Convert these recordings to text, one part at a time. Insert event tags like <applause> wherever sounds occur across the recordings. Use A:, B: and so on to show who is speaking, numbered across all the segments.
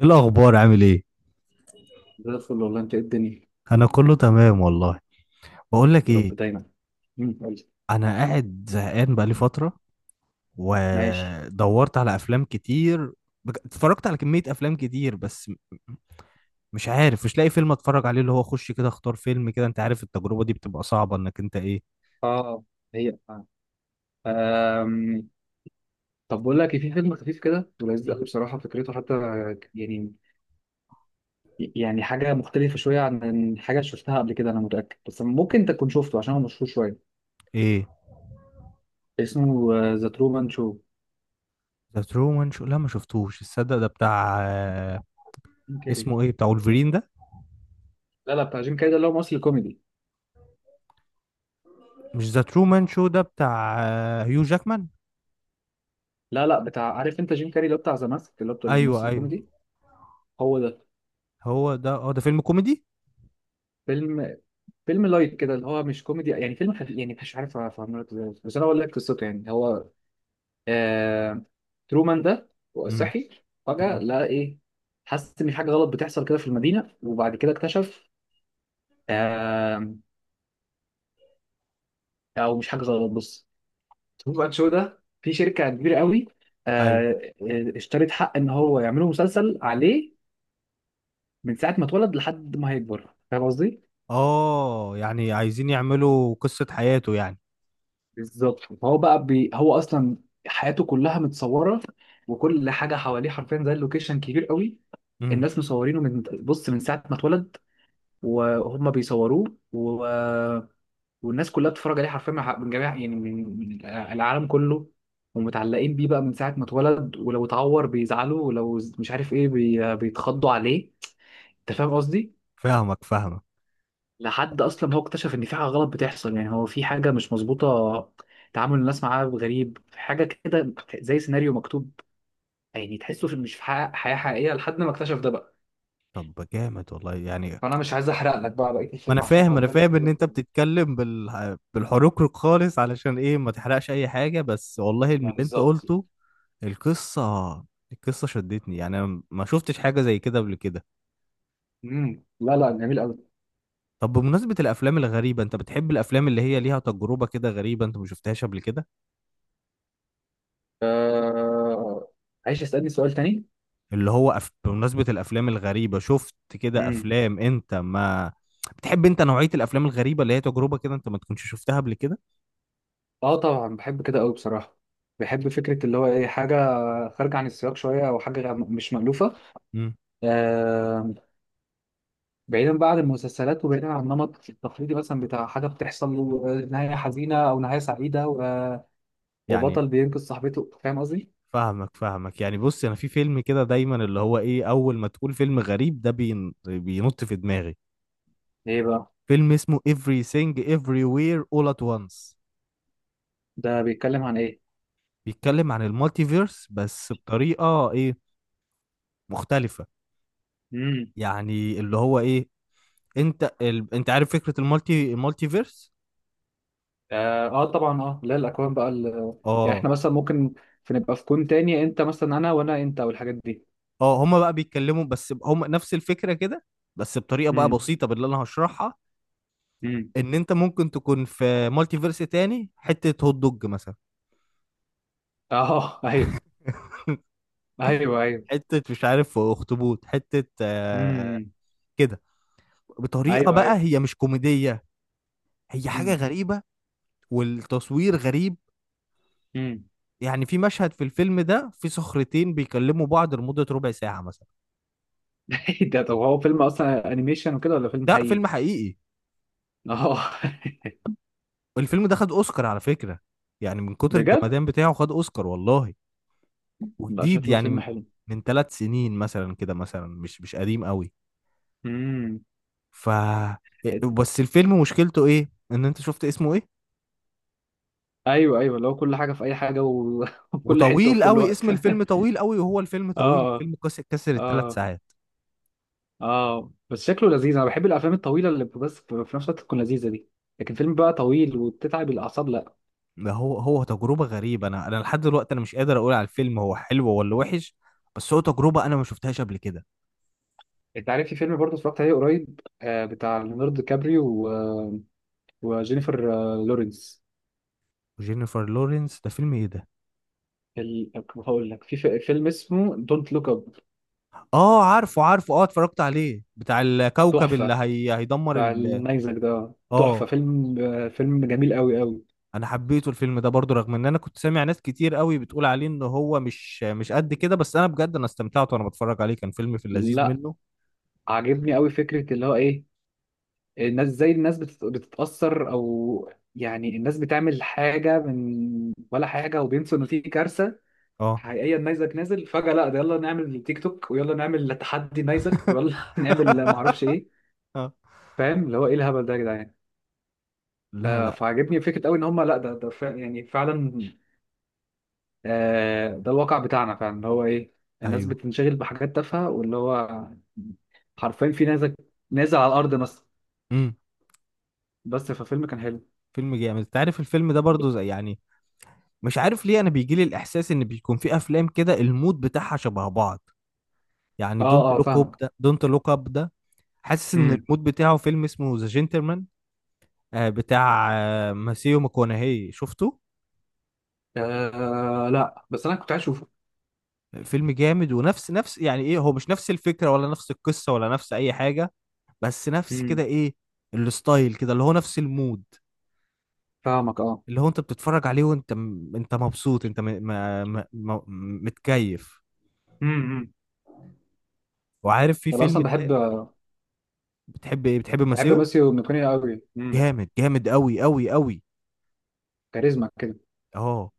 A: ايه الاخبار؟ عامل ايه؟
B: زي الفل والله. انت، ايه الدنيا؟
A: انا كله تمام والله. بقول لك
B: يا رب
A: ايه.
B: دايما. مم. قولي.
A: انا قاعد زهقان بقالي فتره،
B: ماشي.
A: ودورت على افلام كتير. اتفرجت على كميه افلام كتير، بس مش عارف، مش لاقي فيلم اتفرج عليه، اللي هو اخش كده اختار فيلم كده، انت عارف التجربه دي بتبقى صعبه انك انت ايه؟
B: اه. هي آه. آم، طب بقول لك إيه، في فيلم خفيف كده ولذيذ
A: مم.
B: قوي بصراحه فكرته حتى يعني يعني حاجه مختلفه شويه عن حاجه شفتها قبل كده، انا متاكد، بس ممكن انت تكون شفته عشان هو مشهور شويه.
A: ايه.
B: اسمه ذا ترومان شو.
A: ذا ترومان شو؟ لا، ما شفتوش. الصدق ده بتاع
B: جيم كاري.
A: اسمه ايه بتاع ولفرين ده؟
B: لا لا، بتاع جيم كاري، ده اللي هو ممثل كوميدي.
A: مش ذا ترومان شو ده بتاع هيو جاكمان؟
B: لا لا، بتاع، عارف انت، جيم كاري اللي هو بتاع ذا ماسك، اللي هو بتاع
A: ايوه،
B: الممثل
A: ايوه.
B: الكوميدي. هو ده.
A: هو ده. اه، ده فيلم كوميدي؟
B: فيلم. فيلم لايت كده اللي هو مش كوميدي يعني، فيلم خفيف يعني، مش عارف افهمه لك ازاي، بس انا اقول لك قصته. يعني هو آه... ترومان ده
A: امم.
B: صحي فجأة،
A: مم.
B: لقى ايه، حس ان في حاجه غلط بتحصل كده في المدينه، وبعد كده اكتشف آه... او مش حاجه غلط. بص، ترومان شو ده في شركه كبيره قوي
A: ايوه.
B: آه... اشترت حق ان هو يعملوا مسلسل عليه من ساعه ما اتولد لحد ما هيكبر. فاهم قصدي؟
A: اه، يعني عايزين يعملوا قصة حياته يعني.
B: بالظبط. فهو بقى هو اصلا حياته كلها متصوره، وكل حاجه حواليه حرفيا، زي اللوكيشن كبير قوي.
A: امم.
B: الناس مصورينه من، بص، من ساعه ما اتولد، وهم بيصوروه والناس كلها بتتفرج عليه حرفيا من من جميع يعني من العالم كله، ومتعلقين بيه بقى من ساعه ما اتولد. ولو اتعور بيزعلوا، ولو مش عارف ايه، بيتخضوا عليه. انت فاهم قصدي؟
A: فاهمك، فاهمك.
B: لحد اصلا ما هو اكتشف ان في حاجه غلط بتحصل، يعني هو في حاجه مش مظبوطه، تعامل الناس معاه غريب حاجه كده، زي سيناريو مكتوب. يعني تحسه في، مش في حياه حقيقيه، لحد ما اكتشف ده بقى.
A: طب جامد والله يعني.
B: فانا مش عايز احرق لك بقى بقيه
A: ما انا
B: الفيلم، عشان
A: فاهم
B: هو
A: انا
B: بجد
A: فاهم ان انت
B: بجد.
A: بتتكلم بالحروق خالص، علشان ايه ما تحرقش اي حاجة؟ بس والله من اللي
B: ما
A: انت
B: بالظبط.
A: قلته، القصة القصة شدتني، يعني أنا ما شفتش حاجة زي كده قبل كده.
B: امم. لا لا، جميل قوي.
A: طب بمناسبة الأفلام الغريبة، أنت بتحب الأفلام اللي هي ليها تجربة كده غريبة أنت ما شفتهاش قبل كده؟
B: آه... عايز اسالني سؤال تاني؟
A: بمناسبة الأفلام الغريبة، شفت كده
B: امم.
A: أفلام أنت ما بتحب؟ أنت نوعية الأفلام الغريبة اللي هي تجربة كده أنت ما تكونش شفتها قبل كده؟
B: اه طبعا، بحب كده قوي بصراحه. بحب فكره اللي هو ايه، حاجه خارجه عن السياق شويه، او حاجه مش مألوفه.
A: امم.
B: آه... بعيدا بقى عن المسلسلات، وبعيدا عن النمط التقليدي مثلا بتاع حاجه بتحصل له، نهايه حزينه او نهايه سعيده
A: يعني
B: وبطل بينقذ صاحبته. فاهم قصدي؟
A: فاهمك، فاهمك. يعني بص، أنا في فيلم كده دايما اللي هو إيه، أول ما تقول فيلم غريب ده بينط في دماغي.
B: ايه بقى؟
A: فيلم اسمه Everything Everywhere All at Once.
B: ده بيتكلم عن ايه؟
A: بيتكلم عن المالتيفيرس، بس بطريقة إيه، مختلفة.
B: امم.
A: يعني اللي هو ايه، انت عارف فكرة المالتي فيرس؟
B: اه، آه طبعا. اه، لا، الاكوان بقى يعني
A: اه.
B: احنا مثلا ممكن في نبقى في كون تاني، انت مثلا انا، وانا انت، والحاجات دي.
A: اه، هما بقى بيتكلموا، بس هما نفس الفكرة كده، بس بطريقة بقى
B: امم.
A: بسيطة باللي انا هشرحها.
B: امم.
A: ان انت ممكن تكون في مالتي فيرس تاني، حتة هوت دوج مثلا.
B: اه. آه، ايوه.
A: <laughs>
B: ايوه ايوه.
A: حتة مش عارف، اخطبوط، حتة
B: امم.
A: كده. بطريقة
B: ايوه
A: بقى
B: ايوه.
A: هي مش كوميدية، هي حاجة
B: امم.
A: غريبة. والتصوير غريب.
B: امم.
A: يعني في مشهد في الفيلم ده، في صخرتين بيكلموا بعض لمدة ربع ساعة مثلا.
B: <laughs> ده طب هو فيلم اصلا انيميشن وكده، ولا فيلم
A: ده
B: حقيقي؟
A: فيلم حقيقي.
B: اه. <laughs>
A: الفيلم ده خد اوسكار على فكرة. يعني من كتر
B: بجد؟
A: الجمدان بتاعه خد اوسكار والله.
B: بقى
A: وجديد،
B: شكله
A: يعني
B: فيلم
A: من
B: حلو.
A: من 3 سنين مثلا كده مثلا، مش قديم قوي.
B: امم.
A: ف بس الفيلم مشكلته ايه، ان انت شفت اسمه ايه؟
B: ايوه ايوه، اللي هو كل حاجه في اي حاجه <laughs> وفي كل حته وفي
A: وطويل
B: كل
A: قوي، اسم
B: وقت. <laughs>
A: الفيلم طويل قوي، وهو الفيلم طويل،
B: اه.
A: الفيلم كسر الثلاث
B: اه.
A: ساعات
B: اه بس شكله لذيذ. انا بحب الافلام الطويله اللي بس في نفس الوقت تكون لذيذه دي. لكن فيلم بقى طويل وبتتعب الاعصاب، لا.
A: ده هو تجربة غريبة، انا لحد دلوقتي انا مش قادر اقول على الفيلم هو حلو ولا وحش، بس هو تجربة انا ما شفتهاش قبل كده.
B: انت عارف في فيلم برضه اتفرجت عليه قريب، بتاع ليوناردو كابريو وجينيفر لورنس
A: وجينيفر لورنس، ده فيلم ايه ده؟
B: ال... هقول لك في فيلم اسمه دونت لوك اب.
A: اه، عارفه، عارفه، اه اتفرجت عليه بتاع الكوكب، اللي
B: تحفه.
A: هي هيدمر
B: بتاع
A: ال.
B: النيزك ده، تحفه.
A: اه.
B: فيلم، فيلم جميل قوي قوي.
A: انا حبيته الفيلم ده برضو، رغم ان انا كنت سامع ناس كتير قوي بتقول عليه ان هو مش قد كده، بس انا بجد انا استمتعت وانا بتفرج عليه، كان فيلم في اللذيذ منه.
B: عاجبني قوي فكرة اللي هو ايه، الناس زي الناس بتتأثر او يعني، الناس بتعمل حاجة من ولا حاجة، وبينسوا ان في كارثة
A: اه.
B: حقيقية. النيزك نازل فجأة، لا ده يلا نعمل تيك توك، ويلا نعمل تحدي نيزك، ويلا <laughs> نعمل
A: <laughs>
B: معرفش ايه.
A: آه.
B: فاهم اللي هو ايه الهبل ده يا جدعان.
A: لا،
B: آه،
A: لا.
B: فعاجبني فكرة قوي. ان هم، لا ده يعني فعلا. آه، ده الواقع بتاعنا فعلا، اللي هو ايه، الناس
A: ايوه.
B: بتنشغل بحاجات تافهة، واللي هو حرفيا في نيزك نازل على الأرض مثلا.
A: امم.
B: بس ففيلم كان حلو.
A: فيلم جامد، انت عارف الفيلم ده برضو زي يعني، مش عارف ليه انا بيجي لي الاحساس ان بيكون في افلام كده المود بتاعها شبه بعض. يعني
B: اه.
A: دونت
B: اه،
A: لوك اب
B: فاهمك.
A: ده دونت لوك اب ده حاسس ان
B: امم.
A: المود بتاعه فيلم اسمه ذا جنتلمان، بتاع ماسيو ماكونهي، شفته؟
B: آه، لا بس انا كنت عايز اشوفه.
A: فيلم جامد، ونفس نفس يعني ايه؟ هو مش نفس الفكرة، ولا نفس القصة، ولا نفس اي حاجة، بس نفس كده
B: امم.
A: ايه، الستايل كده، اللي هو نفس المود.
B: فاهمك. اه.
A: اللي هو انت بتتفرج عليه وانت انت مبسوط، انت متكيف.
B: امم.
A: وعارف في
B: انا
A: فيلم
B: اصلا بحب
A: بتحب
B: بحب
A: ماسيو؟
B: ماسيو ميكوني قوي. امم.
A: جامد، جامد، قوي، قوي، قوي.
B: كاريزما كده.
A: اه.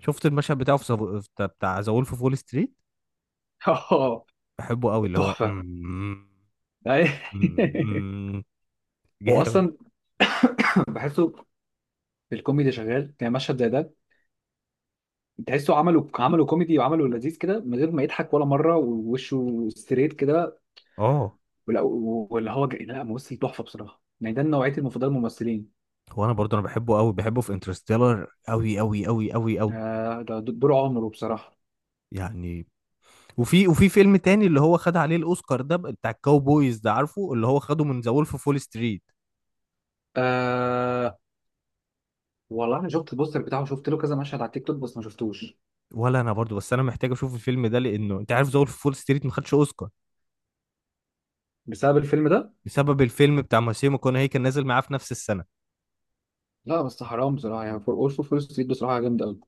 A: شفت المشهد بتاعه في بتاع ذا وولف اوف وول ستريت؟
B: <laughs> اه.
A: بحبه قوي اللي هو،
B: تحفه. <laughs> أي.
A: <laughs>
B: هو
A: جامد.
B: اصلا بحسه في الكوميدي شغال، يعني مشهد زي ده تحسه عملوا كوميدي، وعملوا لذيذ كده من غير ما يضحك ولا مره، ووشه ستريت كده.
A: اه.
B: واللي هو لا ممثل تحفه بصراحه، يعني ده نوعيه المفضله الممثلين.
A: هو انا برضه انا بحبه قوي، بحبه في انترستيلر قوي، قوي، قوي، قوي، قوي.
B: آه، ده دور عمره بصراحه.
A: يعني، وفي فيلم تاني اللي هو خد عليه الاوسكار ده، بتاع الكاوبويز ده، عارفه اللي هو خده من ذا وولف اوف فول ستريت؟
B: آه، والله انا شفت البوستر بتاعه، شفت له كذا مشهد على التيك توك، بس ما شفتوش.
A: ولا انا برضه، بس انا محتاج اشوف الفيلم ده، لانه انت عارف ذا وولف اوف فول ستريت ما خدش اوسكار
B: بسبب الفيلم ده.
A: بسبب الفيلم بتاع ماسيمو كوناهي، كان نازل معاه في نفس السنه.
B: لا بس حرام بصراحه، يعني فور اول فور ستريت بصراحه جامد قوي.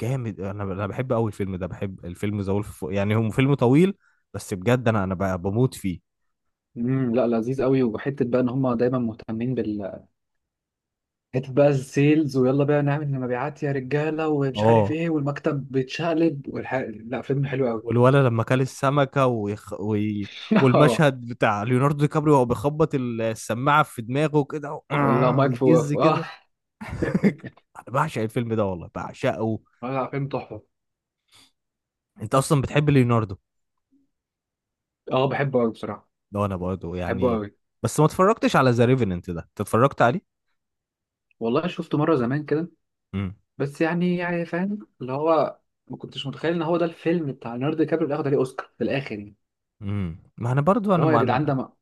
A: جامد، انا بحب قوي الفيلم ده، بحب الفيلم ذا وولف، يعني هو فيلم طويل، بس بجد انا بقى بموت فيه.
B: امم. لا لذيذ قوي، وحته بقى ان هم دايما مهتمين بال، حته بقى السيلز، ويلا بقى نعمل مبيعات يا رجاله، ومش عارف
A: اه.
B: ايه، والمكتب بيتشقلب لا، فيلم حلو قوي.
A: والولد لما كل السمكة
B: <laughs> اه.
A: والمشهد بتاع ليوناردو دي كابريو وهو بيخبط السماعة في دماغه كده و...
B: لا
A: آه،
B: مايك
A: ويجز
B: فوف اه.
A: كده.
B: <laughs>
A: <laughs> انا بعشق الفيلم ده والله، بعشقه.
B: لا فيلم تحفه.
A: انت اصلا بتحب ليوناردو؟
B: اه بحبه قوي بصراحه.
A: ده انا برضه
B: بحبه
A: يعني،
B: قوي.
A: بس ما اتفرجتش على ذا ريفننت ده، انت اتفرجت عليه؟
B: والله شفته مره زمان كده.
A: امم.
B: بس يعني، يعني فاهم اللي هو، ما كنتش متخيل ان هو ده الفيلم بتاع ليوناردو دي كابريو اللي ياخد عليه اوسكار في الاخر يعني.
A: امم، ما انا برضه انا
B: اللي هو يا جدعان ده، ما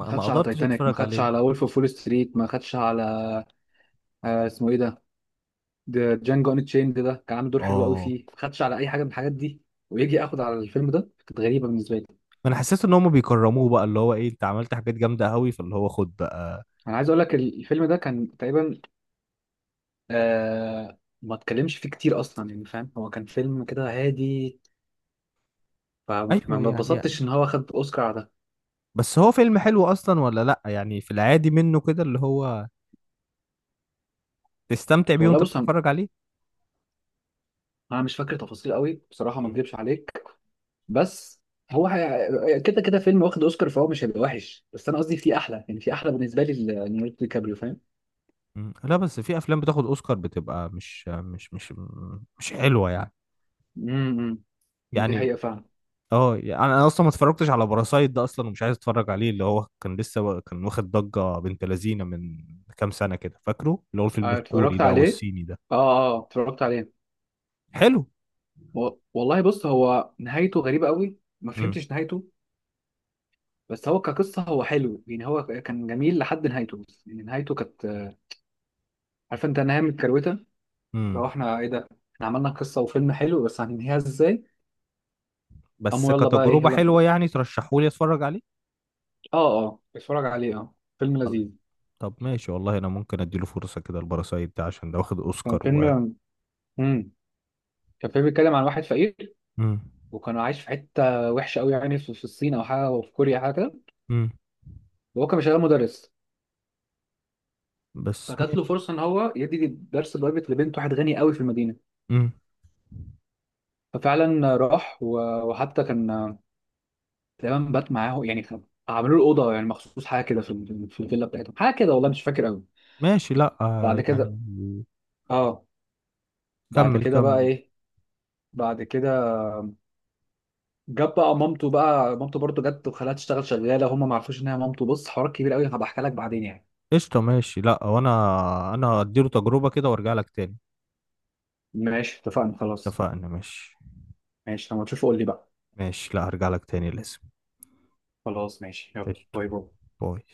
B: ما
A: ما
B: خدش على
A: قدرتش
B: تايتانيك، ما
A: اتفرج
B: خدش
A: عليه.
B: على وولف اوف وول ستريت، ما خدش على، آه اسمه ايه ده، ده جانجو ان تشيند، ده كان عامل دور حلو قوي
A: اه،
B: فيه، ما خدش على اي حاجه من الحاجات دي. ويجي اخد على الفيلم ده! كانت غريبه بالنسبه لي.
A: ما انا حسيت ان هم بيكرموه بقى، اللي هو ايه، انت عملت حاجات جامده قوي فاللي هو خد بقى.
B: انا عايز اقول لك الفيلم ده كان تقريبا، آه ما اتكلمش فيه كتير اصلا يعني، فاهم، هو كان فيلم كده هادي. فما
A: ايوه
B: ما
A: يعني.
B: اتبسطتش ان هو خد اوسكار على ده.
A: بس هو فيلم حلو اصلا ولا لا، يعني في العادي منه كده اللي هو تستمتع بيه
B: والله
A: وانت
B: بص،
A: بتتفرج عليه.
B: انا مش فاكر تفاصيل قوي بصراحه، ما
A: مم.
B: اكذبش عليك. بس هو كده كده فيلم واخد اوسكار، فهو مش هيبقى وحش، بس انا قصدي في احلى، يعني في احلى بالنسبه لي ليوناردو دي كابريو، فاهم.
A: مم. لا، بس في افلام بتاخد اوسكار بتبقى مش حلوه يعني.
B: امم. دي
A: يعني.
B: حقيقه فعلا.
A: اه يعني، انا اصلا ما اتفرجتش على باراسايت ده اصلا، ومش عايز اتفرج عليه، اللي هو كان لسه كان واخد ضجه بنت لذينه من كام سنه كده، فاكره اللي هو الفيلم
B: آه،
A: الكوري
B: اتفرجت
A: ده اتفرجت عليه
B: عليه.
A: والصيني ده؟
B: اه اه، آه، اتفرجت عليه.
A: حلو.
B: والله بص، هو نهايته غريبه قوي. ما
A: امم.
B: فهمتش نهايته. بس هو كقصه هو حلو، يعني هو كان جميل لحد نهايته، بس يعني نهايته كانت، عارف انت، نهايه متكروته. لو
A: امم.
B: احنا ايه ده، احنا عملنا قصه وفيلم حلو، بس هننهيها ازاي؟
A: بس
B: قاموا يلا بقى ايه
A: كتجربه حلوه،
B: يلا.
A: يعني ترشحوا لي اتفرج عليه؟
B: اه. اه بتفرج عليه، اه، فيلم لذيذ.
A: طب ماشي والله، انا ممكن اديله فرصة كده الباراسايت ده عشان ده واخد
B: كان
A: اوسكار و،
B: فيلم. امم. كان فيلم بيتكلم عن واحد فقير،
A: مم.
B: وكان عايش في حته وحشه قوي، يعني في في الصين او حاجه، او في كوريا حاجه كده.
A: مم.
B: وهو كان شغال مدرس.
A: بس
B: فجات له
A: ماشي.
B: فرصه ان هو يدي درس برايفت لبنت واحد غني قوي في المدينه.
A: مم.
B: ففعلا راح وحتى كان تقريبا بات معاه، يعني عملوا له اوضه يعني مخصوص، حاجه كده في في الفيلا بتاعتهم، حاجه كده، والله مش فاكر قوي.
A: ماشي، لا
B: بعد كده،
A: يعني،
B: اه. بعد
A: كمل،
B: كده بقى
A: كمل.
B: ايه؟ بعد كده جاب بقى مامته، بقى مامته برضه جت وخلاها تشتغل شغاله، هم ما عرفوش ان هي مامته. بص حوار كبير قوي، هبقى احكي لك بعدين يعني.
A: قشطة ماشي، لا وانا انا اديله تجربة كده وارجع لك تاني.
B: ماشي، اتفقنا، خلاص.
A: اتفقنا ماشي.
B: ماشي، لما تشوف قول لي بقى.
A: ماشي، لا هرجع لك تاني لازم.
B: خلاص ماشي، يلا
A: قشطة.
B: باي باي.
A: باي.